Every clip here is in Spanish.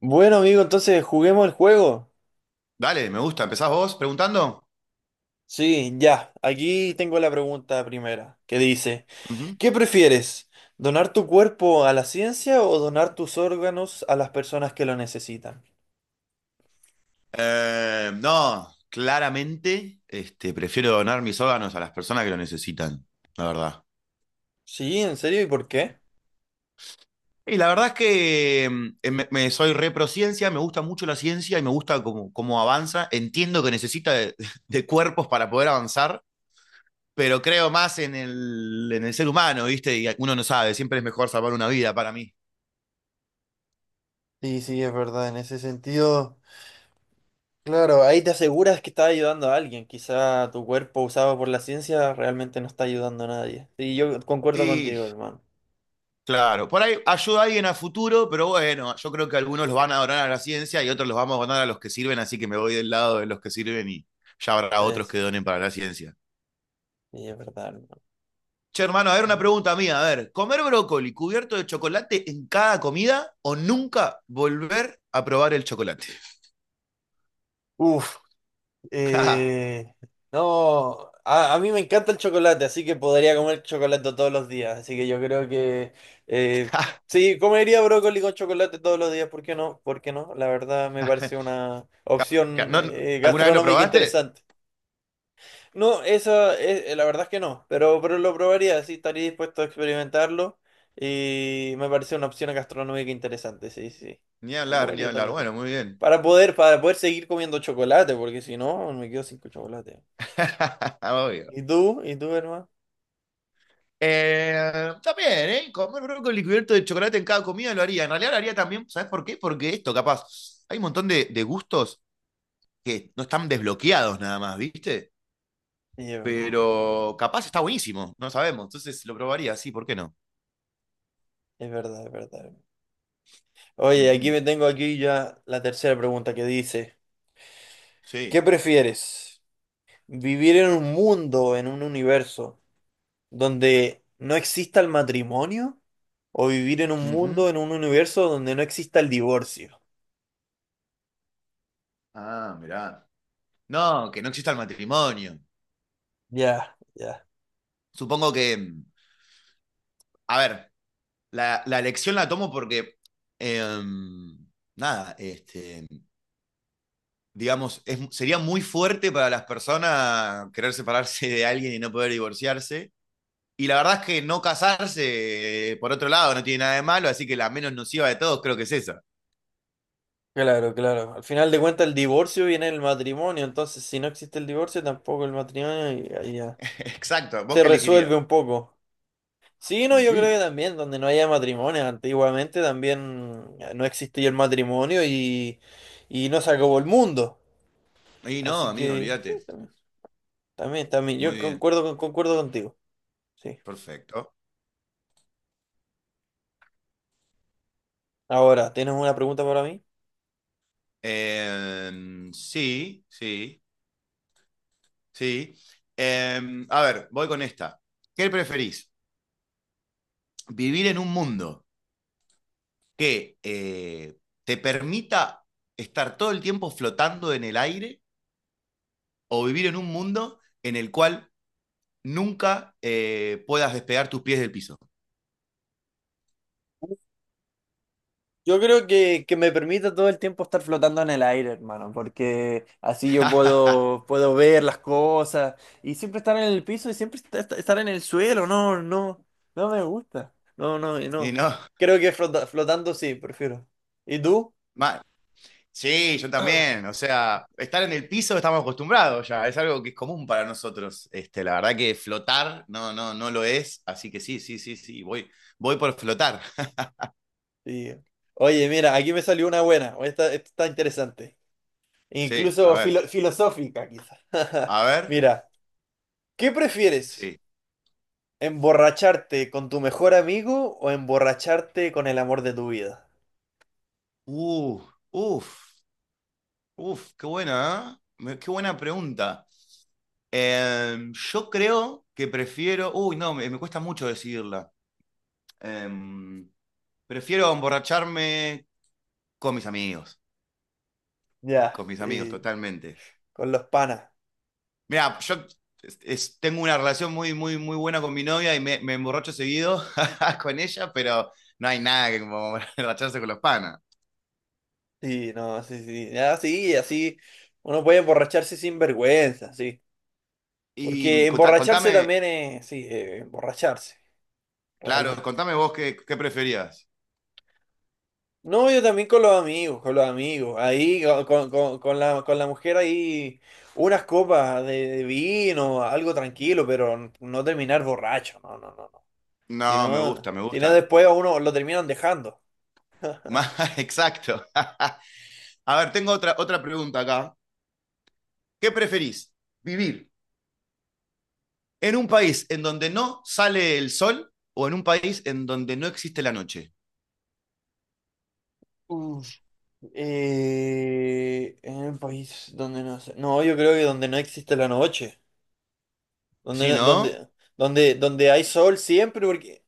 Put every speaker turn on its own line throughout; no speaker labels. Bueno, amigo, entonces juguemos el juego.
Dale, me gusta. ¿Empezás vos preguntando?
Sí, ya. Aquí tengo la pregunta primera, que dice,
Ujú.
¿qué prefieres? ¿Donar tu cuerpo a la ciencia o donar tus órganos a las personas que lo necesitan?
No, claramente, prefiero donar mis órganos a las personas que lo necesitan, la verdad.
Sí, ¿en serio? ¿Y por qué?
Y la verdad es que soy reprociencia, me gusta mucho la ciencia y me gusta cómo avanza. Entiendo que necesita de cuerpos para poder avanzar, pero creo más en en el ser humano, ¿viste? Y uno no sabe, siempre es mejor salvar una vida para mí.
Sí, sí, es verdad, en ese sentido, claro, ahí te aseguras que estás ayudando a alguien. Quizá tu cuerpo usado por la ciencia realmente no está ayudando a nadie. Sí, yo concuerdo
Y
contigo, hermano.
claro, por ahí ayuda a alguien a futuro, pero bueno, yo creo que algunos los van a donar a la ciencia y otros los vamos a donar a los que sirven, así que me voy del lado de los que sirven y ya habrá otros que
Es,
donen para la ciencia.
sí, es verdad, hermano.
Che, hermano, a
Es
ver una
verdad.
pregunta mía, a ver, ¿comer brócoli cubierto de chocolate en cada comida o nunca volver a probar el chocolate?
Uf. Eh, no, a mí me encanta el chocolate, así que podría comer chocolate todos los días. Así que yo creo que eh, sí, comería brócoli con chocolate todos los días. ¿Por qué no? ¿Por qué no? La verdad me parece una opción
¿No- ¿Alguna vez lo
gastronómica
probaste?
interesante. No, esa es, la verdad es que no, pero lo probaría, sí, estaría dispuesto a experimentarlo y me parece una opción gastronómica interesante, sí, sí.
Ni
Lo
hablar, ni
comería todos
hablar.
los días.
Bueno, muy bien.
Para poder seguir comiendo chocolate, porque si no, me quedo sin chocolate.
Obvio.
¿Y tú? ¿Y tú, hermano?
También, ¿eh? Comer brócoli cubierto de chocolate en cada comida lo haría. En realidad lo haría también, ¿sabes por qué? Porque esto, capaz, hay un montón de gustos que no están desbloqueados nada más, ¿viste?
Sí, es verdad,
Pero capaz está buenísimo, no sabemos. Entonces lo probaría, sí, ¿por qué no?
es verdad, es verdad. Oye, aquí
Ujú.
me tengo aquí ya la tercera pregunta que dice, ¿qué
Sí.
prefieres? ¿Vivir en un mundo, en un universo donde no exista el matrimonio? O vivir en un
Ujú.
mundo, en un universo donde no exista el divorcio.
Ah, mirá. No, que no exista el matrimonio.
Ya, ya.
Supongo que, mm, a ver, la, la, elección la tomo porque, em, nada, este, digamos, es- sería muy fuerte para las personas querer separarse de alguien y no poder divorciarse. Y la verdad es que no casarse, por otro lado, no tiene nada de malo, así que la menos nociva de todos creo que es esa.
Claro, claro. Al final de cuentas el divorcio viene del matrimonio, entonces si no existe el divorcio tampoco el matrimonio y ahí ya
Exacto, ¿vos
se
qué
resuelve
elegirías?
un poco. Sí, no,
Y
yo
sí.
creo que también donde no haya matrimonio, antiguamente también no existía el matrimonio y no se acabó el mundo.
Y no,
Así
amigo,
que sí,
olvídate.
también, también, también.
Muy
Yo
bien,
concuerdo contigo. Sí.
perfecto.
Ahora, ¿tienes una pregunta para mí?
Sí, sí. A ver, voy con esta. ¿Qué preferís? ¿Vivir en un mundo que te permita estar todo el tiempo flotando en el aire o vivir en un mundo en el cual nunca puedas despegar tus pies del piso?
Yo creo que me permite todo el tiempo estar flotando en el aire, hermano, porque así yo puedo ver las cosas y siempre estar en el piso y siempre estar en el suelo, no, no, no me gusta, no, no, y
Y
no.
no,
Creo que flotando sí, prefiero. ¿Y tú?
mal. Sí, yo también. O sea, estar en el piso estamos acostumbrados ya. Es algo que es común para nosotros. La verdad que flotar no, no, no lo es. Así que sí, sí, sí, sí. Voy por flotar.
Sí. Oye, mira, aquí me salió una buena, esta está interesante,
Sí, a
incluso
ver.
filosófica quizás.
A ver.
Mira, ¿qué prefieres?
Sí.
¿Emborracharte con tu mejor amigo o emborracharte con el amor de tu vida?
Uh, uf. Uf, qué buena, ¿eh? Me- Qué buena pregunta. Yo creo que prefiero. Uy, no, me cuesta mucho decidirla. Em, Prefiero emborracharme con mis amigos. Con
Ya,
mis amigos,
y
totalmente.
con los panas.
Mira, yo tengo una relación muy, muy, muy buena con mi novia y me emborracho seguido con ella, pero no hay nada que como emborracharse con los panas.
Sí, no, sí, sí. Ya, sí, así uno puede emborracharse sin vergüenza, sí.
Y
Porque emborracharse
contame,
también es, sí, emborracharse,
claro,
realmente.
contame vos qué preferías.
No, yo también con los amigos, con los amigos. Ahí, con con la mujer ahí, unas copas de vino, algo tranquilo, pero no terminar borracho, no, no, no, no. Si
No, me
no,
gusta, me
si no
gusta.
después a uno lo terminan dejando.
Ma- Exacto. A ver, tengo otra pregunta acá. ¿Qué preferís? ¿Vivir en un país en donde no sale el sol o en un país en donde no existe la noche?
En un país donde no sé. No, yo creo que donde no existe la noche. Donde,
Sí,
no-
¿no?
donde, donde, donde hay sol siempre, porque.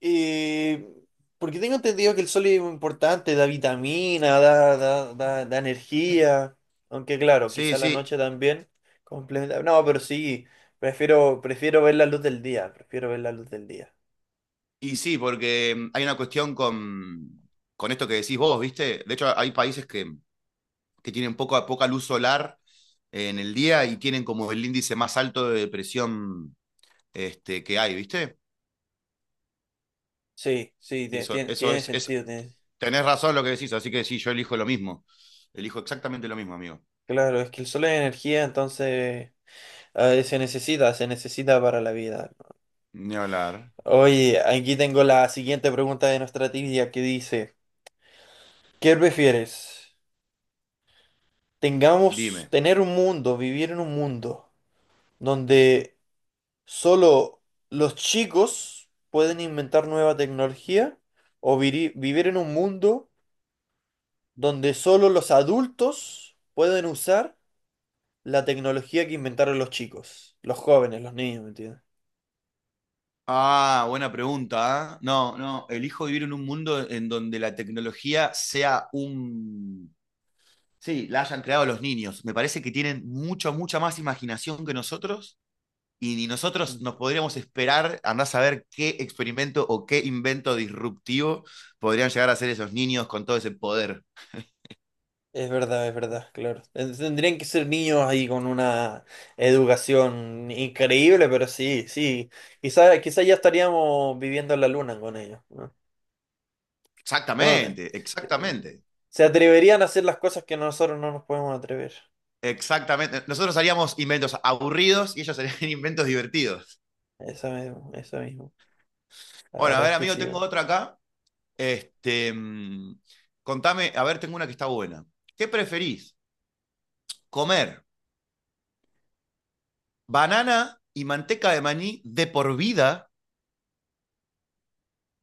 Eh, porque tengo entendido que el sol es muy importante, da vitamina, da, da, da, da energía. Aunque claro,
Sí,
quizá la
sí.
noche también complementa. No, pero sí, prefiero, prefiero ver la luz del día. Prefiero ver la luz del día.
Y sí, porque hay una cuestión con esto que decís vos, ¿viste? De hecho, hay países que tienen poca luz solar en el día y tienen como el índice más alto de depresión que hay, ¿viste?
Sí, sí,
Y
tiene
es.
sentido.
Tenés razón lo que decís, así que sí, yo elijo lo mismo. Elijo exactamente lo mismo, amigo.
Claro, es que el sol es energía, entonces. Ay, se necesita para la vida.
Ni hablar.
Oye, aquí tengo la siguiente pregunta de nuestra trivia que dice, ¿qué prefieres?
Dime.
Tener un mundo, vivir en un mundo donde solo los chicos pueden inventar nueva tecnología o vivir en un mundo donde solo los adultos pueden usar la tecnología que inventaron los chicos, los jóvenes, los niños, ¿me entiendes?
Ah, buena pregunta, ¿eh? No, no, elijo vivir en un mundo en donde la tecnología sea un... Sí, la hayan creado los niños. Me parece que tienen mucha, mucha más imaginación que nosotros y ni nosotros nos podríamos esperar, andar a saber qué experimento o qué invento disruptivo podrían llegar a hacer esos niños con todo ese poder.
Es verdad, claro. Tendrían que ser niños ahí con una educación increíble, pero sí, sí. Quizá, quizá ya estaríamos viviendo en la luna con ellos, ¿no? No,
Exactamente,
eh,
exactamente.
se atreverían a hacer las cosas que nosotros no nos podemos atrever.
Exactamente. Nosotros haríamos inventos aburridos y ellos harían inventos divertidos.
Eso mismo, eso mismo. La
Bueno, a
verdad
ver,
es que
amigo,
sí,
tengo
weón.
otra acá. Este, mm, Contame, a ver, tengo una que está buena. ¿Qué preferís? ¿Comer banana y manteca de maní de por vida,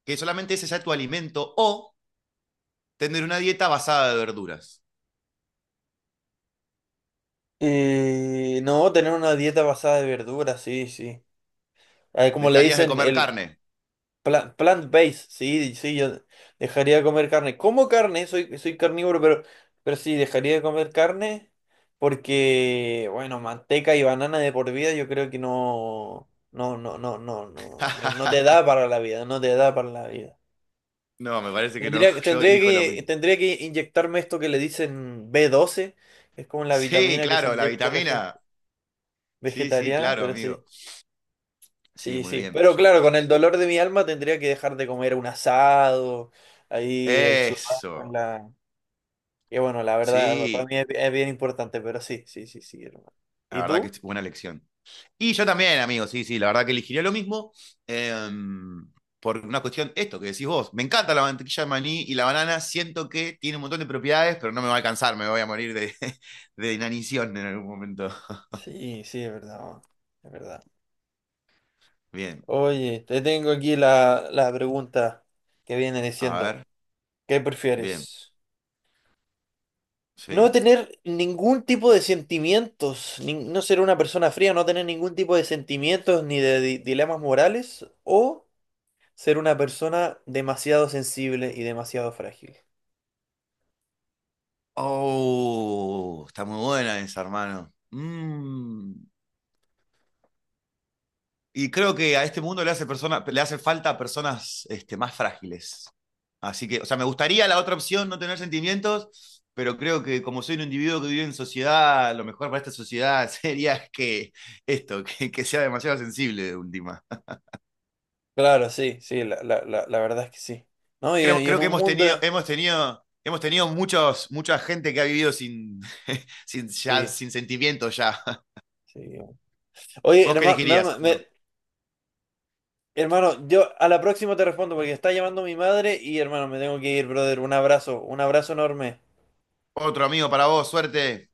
que solamente ese sea tu alimento, o tener una dieta basada de verduras?
No, tener una dieta basada de verduras, sí, sí. Como le
¿Dejarías de
dicen,
comer carne?
pla- plant-based, sí, sí, yo dejaría de comer carne. Como carne, soy, soy carnívoro, pero sí, dejaría de comer carne porque, bueno, manteca y banana de por vida yo creo que no, no, no, no, no, no, no, no te da para la vida, no te da para la vida.
No, me parece que no.
Tendría,
Yo elijo lo mismo.
tendría que inyectarme esto que le dicen B12 que es como la
Sí,
vitamina que se
claro, la
inyecta a la gente
vitamina. Sí, sí,
vegetariana,
claro,
pero sí.
amigo. Sí,
Sí,
muy
sí,
bien.
pero
Yo-
claro, con el dolor de mi alma tendría que dejar de comer un asado, ahí el churrasco en
Eso.
la... Que bueno, la verdad, para
Sí,
mí es bien importante, pero sí, sí, sí, sí, hermano.
la
¿Y
verdad que
tú?
es buena elección. Y yo también, amigo, sí, sí, la verdad que elegiría lo mismo. em, por una cuestión, esto que decís vos. Me encanta la mantequilla de maní y la banana. Siento que tiene un montón de propiedades, pero no me va a alcanzar. Me voy a morir de, de inanición en algún momento.
Sí, sí, es verdad, es verdad.
Bien,
Oye, te tengo aquí la pregunta que viene
a
diciendo,
ver.
¿qué
Bien,
prefieres? No
sí.
tener ningún tipo de sentimientos, no ser una persona fría, no tener ningún tipo de sentimientos ni de dilemas morales, o ser una persona demasiado sensible y demasiado frágil.
Oh, está muy buena esa, hermano. Mm. Y creo que a este mundo le hace, persona, le hace falta a personas más frágiles. Así que, o sea, me gustaría la otra opción, no tener sentimientos, pero creo que como soy un individuo que vive en sociedad, lo mejor para esta sociedad sería que que sea demasiado sensible de última.
Claro, sí, sí, la verdad es que sí. ¿No? Y en
Creo que
un mundo...
hemos tenido mucha gente que ha vivido sin,
Sí,
sin sentimientos ya.
sí. Oye,
¿Vos qué
hermano,
elegirías,
hermano,
amigo?
hermano, yo a la próxima te respondo porque está llamando mi madre y hermano, me tengo que ir, brother. Un abrazo enorme.
Otro amigo para vos, suerte.